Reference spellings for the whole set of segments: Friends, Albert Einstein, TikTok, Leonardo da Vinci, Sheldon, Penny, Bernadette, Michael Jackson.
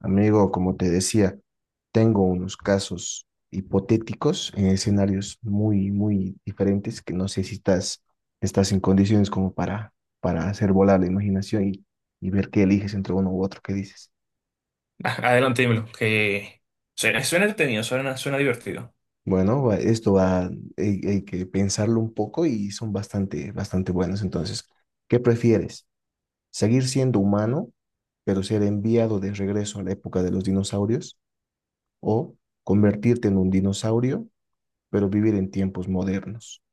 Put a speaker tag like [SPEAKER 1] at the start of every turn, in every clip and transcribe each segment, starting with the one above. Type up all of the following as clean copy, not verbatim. [SPEAKER 1] Amigo, como te decía, tengo unos casos hipotéticos en escenarios muy, muy diferentes que no sé si estás en condiciones como para hacer volar la imaginación y ver qué eliges entre uno u otro, qué dices.
[SPEAKER 2] Adelante, dímelo, que suena entretenido, suena divertido.
[SPEAKER 1] Bueno, esto va, hay que pensarlo un poco y son bastante, bastante buenos. Entonces, ¿qué prefieres? ¿Seguir siendo humano, pero ser enviado de regreso a la época de los dinosaurios? ¿O convertirte en un dinosaurio, pero vivir en tiempos modernos?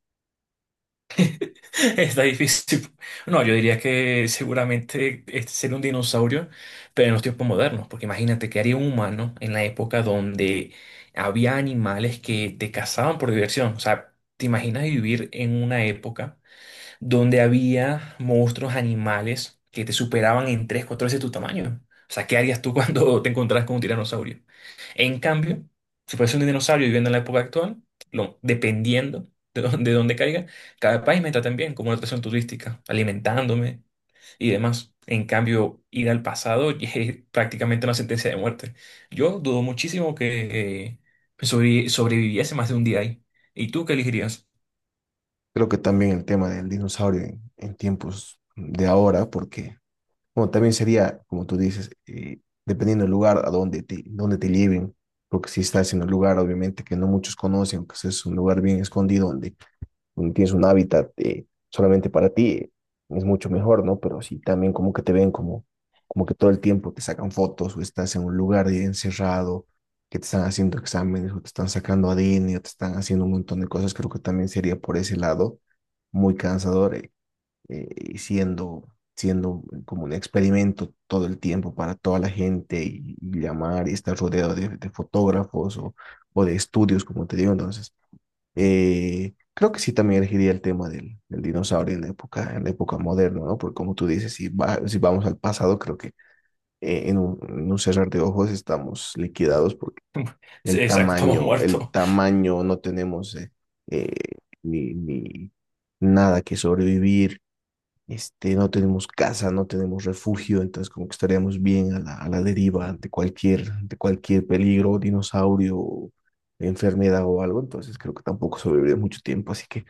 [SPEAKER 2] Está difícil. No, yo diría que seguramente este sería un dinosaurio, pero en los tiempos modernos, porque imagínate que haría un humano en la época donde había animales que te cazaban por diversión. O sea, ¿te imaginas vivir en una época donde había monstruos, animales que te superaban en tres, cuatro veces tu tamaño? O sea, ¿qué harías tú cuando te encontrás con un tiranosaurio? En cambio, si fuese un dinosaurio viviendo en la época actual, dependiendo de dónde caiga, cada país me tratan bien como una atracción turística, alimentándome y demás. En cambio, ir al pasado es prácticamente una sentencia de muerte. Yo dudo muchísimo que sobreviviese más de un día ahí. ¿Y tú qué elegirías?
[SPEAKER 1] Creo que también el tema del dinosaurio en tiempos de ahora, porque bueno, también sería, como tú dices, dependiendo del lugar a donde te lleven, porque si estás en un lugar, obviamente, que no muchos conocen, que es un lugar bien escondido, donde tienes un hábitat solamente para ti, es mucho mejor, ¿no? Pero si también como que te ven como que todo el tiempo te sacan fotos o estás en un lugar encerrado, que te están haciendo exámenes o te están sacando ADN o te están haciendo un montón de cosas, creo que también sería por ese lado muy cansador, y siendo como un experimento todo el tiempo para toda la gente y llamar y estar rodeado de fotógrafos o de estudios, como te digo, entonces creo que sí también elegiría el tema del dinosaurio en la época moderna, ¿no? Porque como tú dices, si vamos al pasado, creo que en un cerrar de ojos estamos liquidados porque
[SPEAKER 2] Sí, exacto,
[SPEAKER 1] el
[SPEAKER 2] muerto.
[SPEAKER 1] tamaño, no tenemos eh, ni nada que sobrevivir este, no tenemos casa, no tenemos refugio, entonces como que estaríamos bien a la deriva ante cualquier peligro, dinosaurio, enfermedad o algo, entonces creo que tampoco sobreviviré mucho tiempo, así que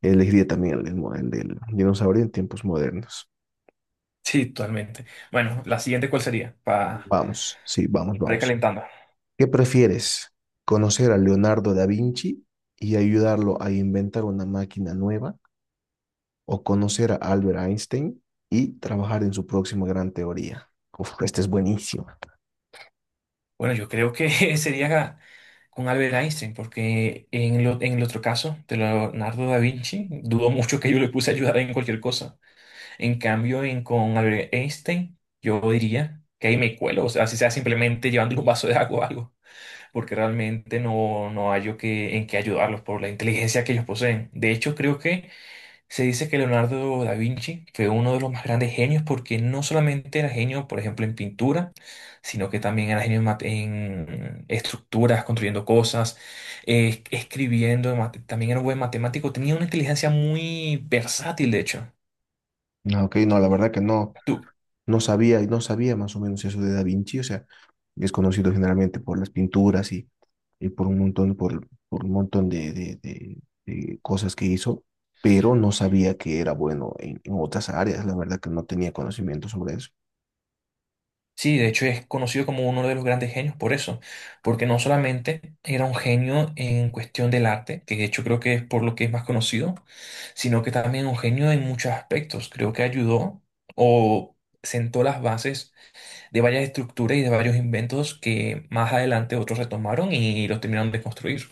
[SPEAKER 1] elegiría también el del dinosaurio en tiempos modernos.
[SPEAKER 2] Sí, totalmente. Bueno, la siguiente, ¿cuál sería? Para
[SPEAKER 1] Vamos, sí, vamos,
[SPEAKER 2] ir
[SPEAKER 1] vamos.
[SPEAKER 2] calentando.
[SPEAKER 1] ¿Qué prefieres? ¿Conocer a Leonardo da Vinci y ayudarlo a inventar una máquina nueva o conocer a Albert Einstein y trabajar en su próxima gran teoría? Uf, este es buenísimo.
[SPEAKER 2] Bueno, yo creo que sería con Albert Einstein, porque en el otro caso, de Leonardo da Vinci, dudo mucho que yo le puse a ayudar en cualquier cosa. En cambio, en, con Albert Einstein, yo diría que ahí me cuelo, o sea, si sea simplemente llevándole un vaso de agua o algo, porque realmente no hallo que, en qué ayudarlos por la inteligencia que ellos poseen. De hecho, creo que se dice que Leonardo da Vinci fue uno de los más grandes genios porque no solamente era genio, por ejemplo, en pintura, sino que también era genio en estructuras, construyendo cosas, escribiendo, también era un buen matemático, tenía una inteligencia muy versátil, de hecho.
[SPEAKER 1] Ah, ok, no, la verdad que no sabía y no sabía más o menos eso de Da Vinci, o sea, es conocido generalmente por las pinturas y por un montón, por un montón de cosas que hizo, pero no sabía que era bueno en otras áreas, la verdad que no tenía conocimiento sobre eso.
[SPEAKER 2] Sí, de hecho es conocido como uno de los grandes genios por eso, porque no solamente era un genio en cuestión del arte, que de hecho creo que es por lo que es más conocido, sino que también un genio en muchos aspectos. Creo que ayudó o sentó las bases de varias estructuras y de varios inventos que más adelante otros retomaron y los terminaron de construir.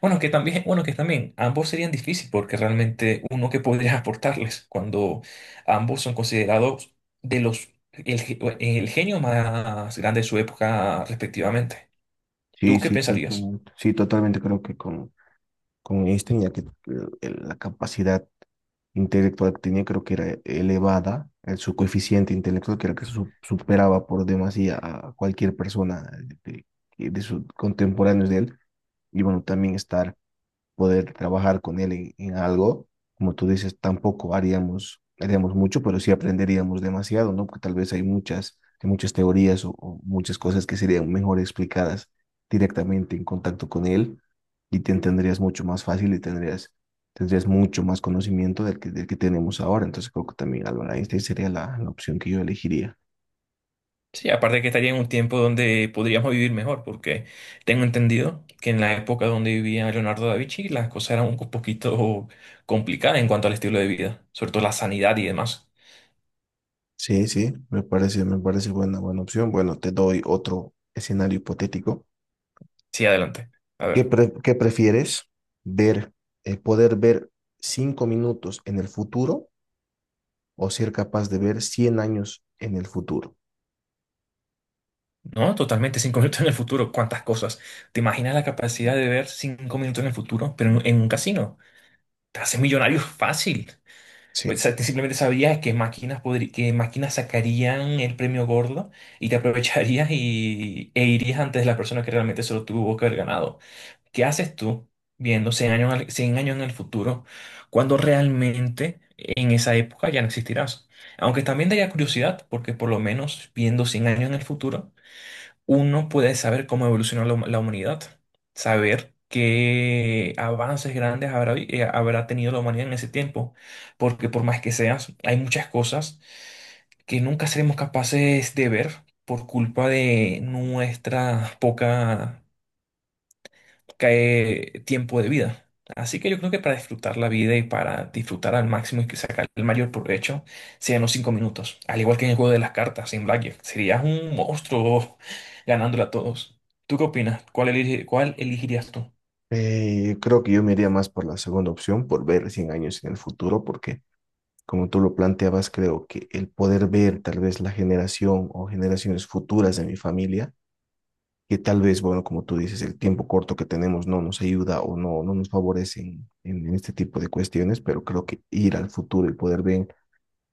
[SPEAKER 2] Bueno, que también ambos serían difíciles porque realmente uno que podría aportarles cuando ambos son considerados de los el, ge- el genio más grande de su época respectivamente. ¿Tú
[SPEAKER 1] Sí,
[SPEAKER 2] qué
[SPEAKER 1] sí,
[SPEAKER 2] pensarías?
[SPEAKER 1] totalmente creo que con Einstein, ya que la capacidad intelectual que tenía creo que era elevada, el, su coeficiente intelectual que era que superaba por demasía a cualquier persona de, de sus contemporáneos de él, y bueno, también estar poder trabajar con él en algo. Como tú dices, tampoco haríamos mucho, pero sí aprenderíamos demasiado, ¿no? Porque tal vez hay muchas teorías o muchas cosas que serían mejor explicadas directamente en contacto con él y te entenderías mucho más fácil y tendrías mucho más conocimiento del que tenemos ahora. Entonces creo que también Albert Einstein sería la opción que yo elegiría.
[SPEAKER 2] Sí, aparte que estaría en un tiempo donde podríamos vivir mejor, porque tengo entendido que en la época donde vivía Leonardo da Vinci las cosas eran un poquito complicadas en cuanto al estilo de vida, sobre todo la sanidad y demás.
[SPEAKER 1] Sí, sí, me parece buena, buena opción. Bueno, te doy otro escenario hipotético.
[SPEAKER 2] Sí, adelante. A
[SPEAKER 1] ¿Qué,
[SPEAKER 2] ver.
[SPEAKER 1] pre- qué prefieres ver, poder ver cinco minutos en el futuro o ser capaz de ver 100 años en el futuro?
[SPEAKER 2] No, totalmente, 5 minutos en el futuro, cuántas cosas. ¿Te imaginas la capacidad de ver 5 minutos en el futuro, pero en un casino? Te haces millonario fácil. O
[SPEAKER 1] Sí,
[SPEAKER 2] sea, te simplemente sabrías qué máquinas sacarían el premio gordo y te aprovecharías y, e irías antes de la persona que realmente se lo tuvo que haber ganado. ¿Qué haces tú viendo 100 años en el futuro cuando realmente en esa época ya no existirás? Aunque también daría curiosidad, porque por lo menos viendo 100 años en el futuro uno puede saber cómo evolucionó la humanidad, saber qué avances grandes habrá, habrá tenido la humanidad en ese tiempo, porque por más que seas, hay muchas cosas que nunca seremos capaces de ver por culpa de nuestra poca cae tiempo de vida. Así que yo creo que para disfrutar la vida y para disfrutar al máximo y que sacar el mayor provecho, sean los 5 minutos. Al igual que en el juego de las cartas, en Blackjack, serías un monstruo ganándole a todos. ¿Tú qué opinas? ¿Cuál elegirías tú?
[SPEAKER 1] creo que yo me iría más por la segunda opción, por ver 100 años en el futuro, porque como tú lo planteabas, creo que el poder ver tal vez la generación o generaciones futuras de mi familia, que tal vez, bueno, como tú dices, el tiempo corto que tenemos no nos ayuda o no nos favorece en este tipo de cuestiones, pero creo que ir al futuro y poder ver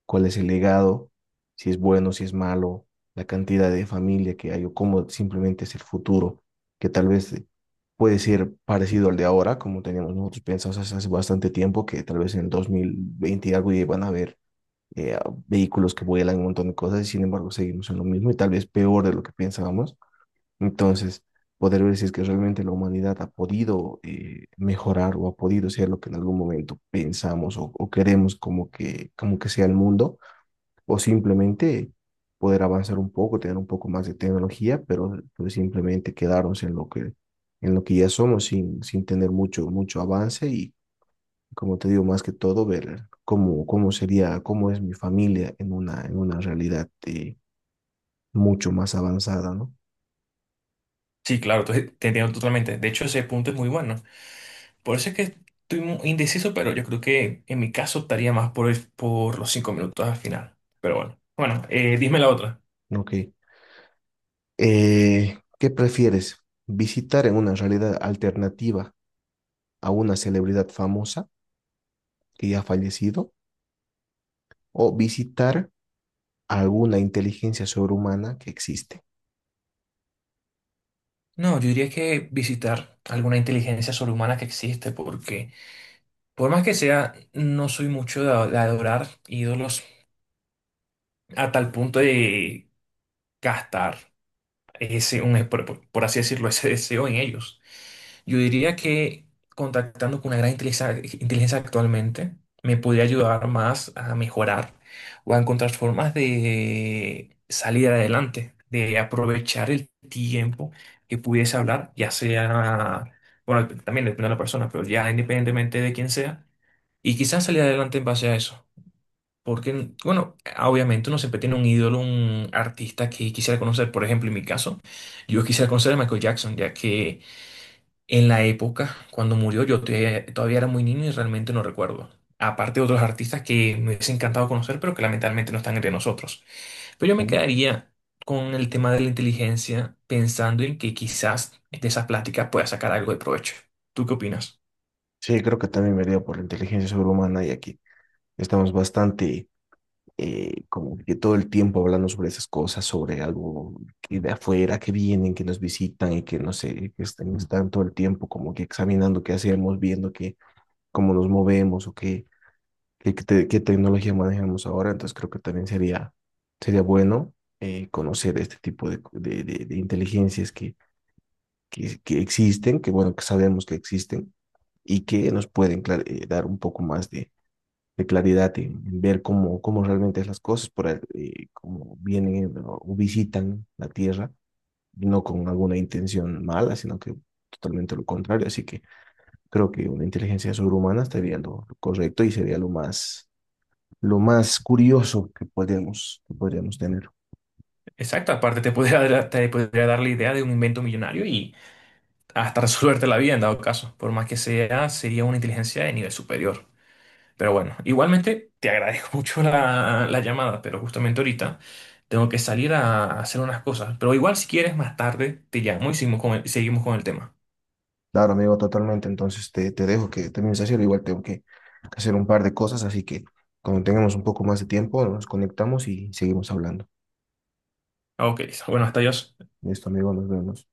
[SPEAKER 1] cuál es el legado, si es bueno, si es malo, la cantidad de familia que hay o cómo simplemente es el futuro, que tal vez puede ser parecido al de ahora, como teníamos nosotros pensados hace bastante tiempo, que tal vez en el 2020 y algo ya van a haber eh, vehículos que vuelan, un montón de cosas, y sin embargo seguimos en lo mismo y tal vez peor de lo que pensábamos. Entonces, poder ver si es que realmente la humanidad ha podido mejorar o ha podido ser lo que en algún momento pensamos o queremos como que sea el mundo o simplemente poder avanzar un poco, tener un poco más de tecnología, pero pues, simplemente quedarnos en lo que ya somos sin tener mucho, mucho avance y, como te digo, más que todo, ver cómo, cómo sería, cómo es mi familia en una realidad mucho más avanzada, ¿no?
[SPEAKER 2] Sí, claro, te entiendo totalmente. De hecho, ese punto es muy bueno. Por eso es que estoy indeciso, pero yo creo que en mi caso estaría más por los 5 minutos al final. Pero bueno, bueno, dime la otra.
[SPEAKER 1] Ok. ¿Qué prefieres? ¿Visitar en una realidad alternativa a una celebridad famosa que ya ha fallecido o visitar a alguna inteligencia sobrehumana que existe?
[SPEAKER 2] No, yo diría que visitar alguna inteligencia sobrehumana que existe, porque por más que sea, no soy mucho de adorar ídolos a tal punto de gastar ese, un, por así decirlo, ese deseo en ellos. Yo diría que contactando con una gran inteligencia actualmente me podría ayudar más a mejorar o a encontrar formas de salir adelante, de aprovechar el tiempo que pudiese hablar, ya sea, bueno, también depende de la persona, pero ya independientemente de quién sea, y quizás salir adelante en base a eso. Porque, bueno, obviamente uno siempre tiene un ídolo, un artista que quisiera conocer. Por ejemplo, en mi caso, yo quisiera conocer a Michael Jackson, ya que en la época, cuando murió, todavía era muy niño y realmente no recuerdo. Aparte de otros artistas que me hubiese encantado conocer, pero que lamentablemente no están entre nosotros. Pero yo me
[SPEAKER 1] ¿No?
[SPEAKER 2] quedaría con el tema de la inteligencia, pensando en que quizás de esas pláticas pueda sacar algo de provecho. ¿Tú qué opinas?
[SPEAKER 1] Sí, creo que también me dio por la inteligencia sobrehumana y aquí estamos bastante como que todo el tiempo hablando sobre esas cosas, sobre algo que de afuera, que vienen, que nos visitan y que no sé, que están, están todo el tiempo como que examinando qué hacemos, viendo que, cómo nos movemos o qué, qué tecnología manejamos ahora. Entonces creo que también sería, sería bueno conocer este tipo de inteligencias que existen, que bueno, que sabemos que existen y que nos pueden dar un poco más de claridad en ver cómo, cómo realmente es las cosas, cómo vienen o visitan la Tierra, no con alguna intención mala, sino que totalmente lo contrario. Así que creo que una inteligencia sobrehumana estaría lo correcto y sería lo más curioso que podríamos tener.
[SPEAKER 2] Exacto, aparte te podría dar la idea de un invento millonario y hasta resolverte la vida en dado caso. Por más que sea, sería una inteligencia de nivel superior. Pero bueno, igualmente te agradezco mucho la llamada, pero justamente ahorita tengo que salir a hacer unas cosas. Pero igual si quieres más tarde te llamo y seguimos con el tema.
[SPEAKER 1] Claro, amigo, totalmente. Entonces te dejo que termines de hacer. Igual tengo que hacer un par de cosas, así que cuando tengamos un poco más de tiempo, nos conectamos y seguimos hablando.
[SPEAKER 2] Ok, listo. Bueno, hasta adiós.
[SPEAKER 1] Listo, amigo, nos vemos.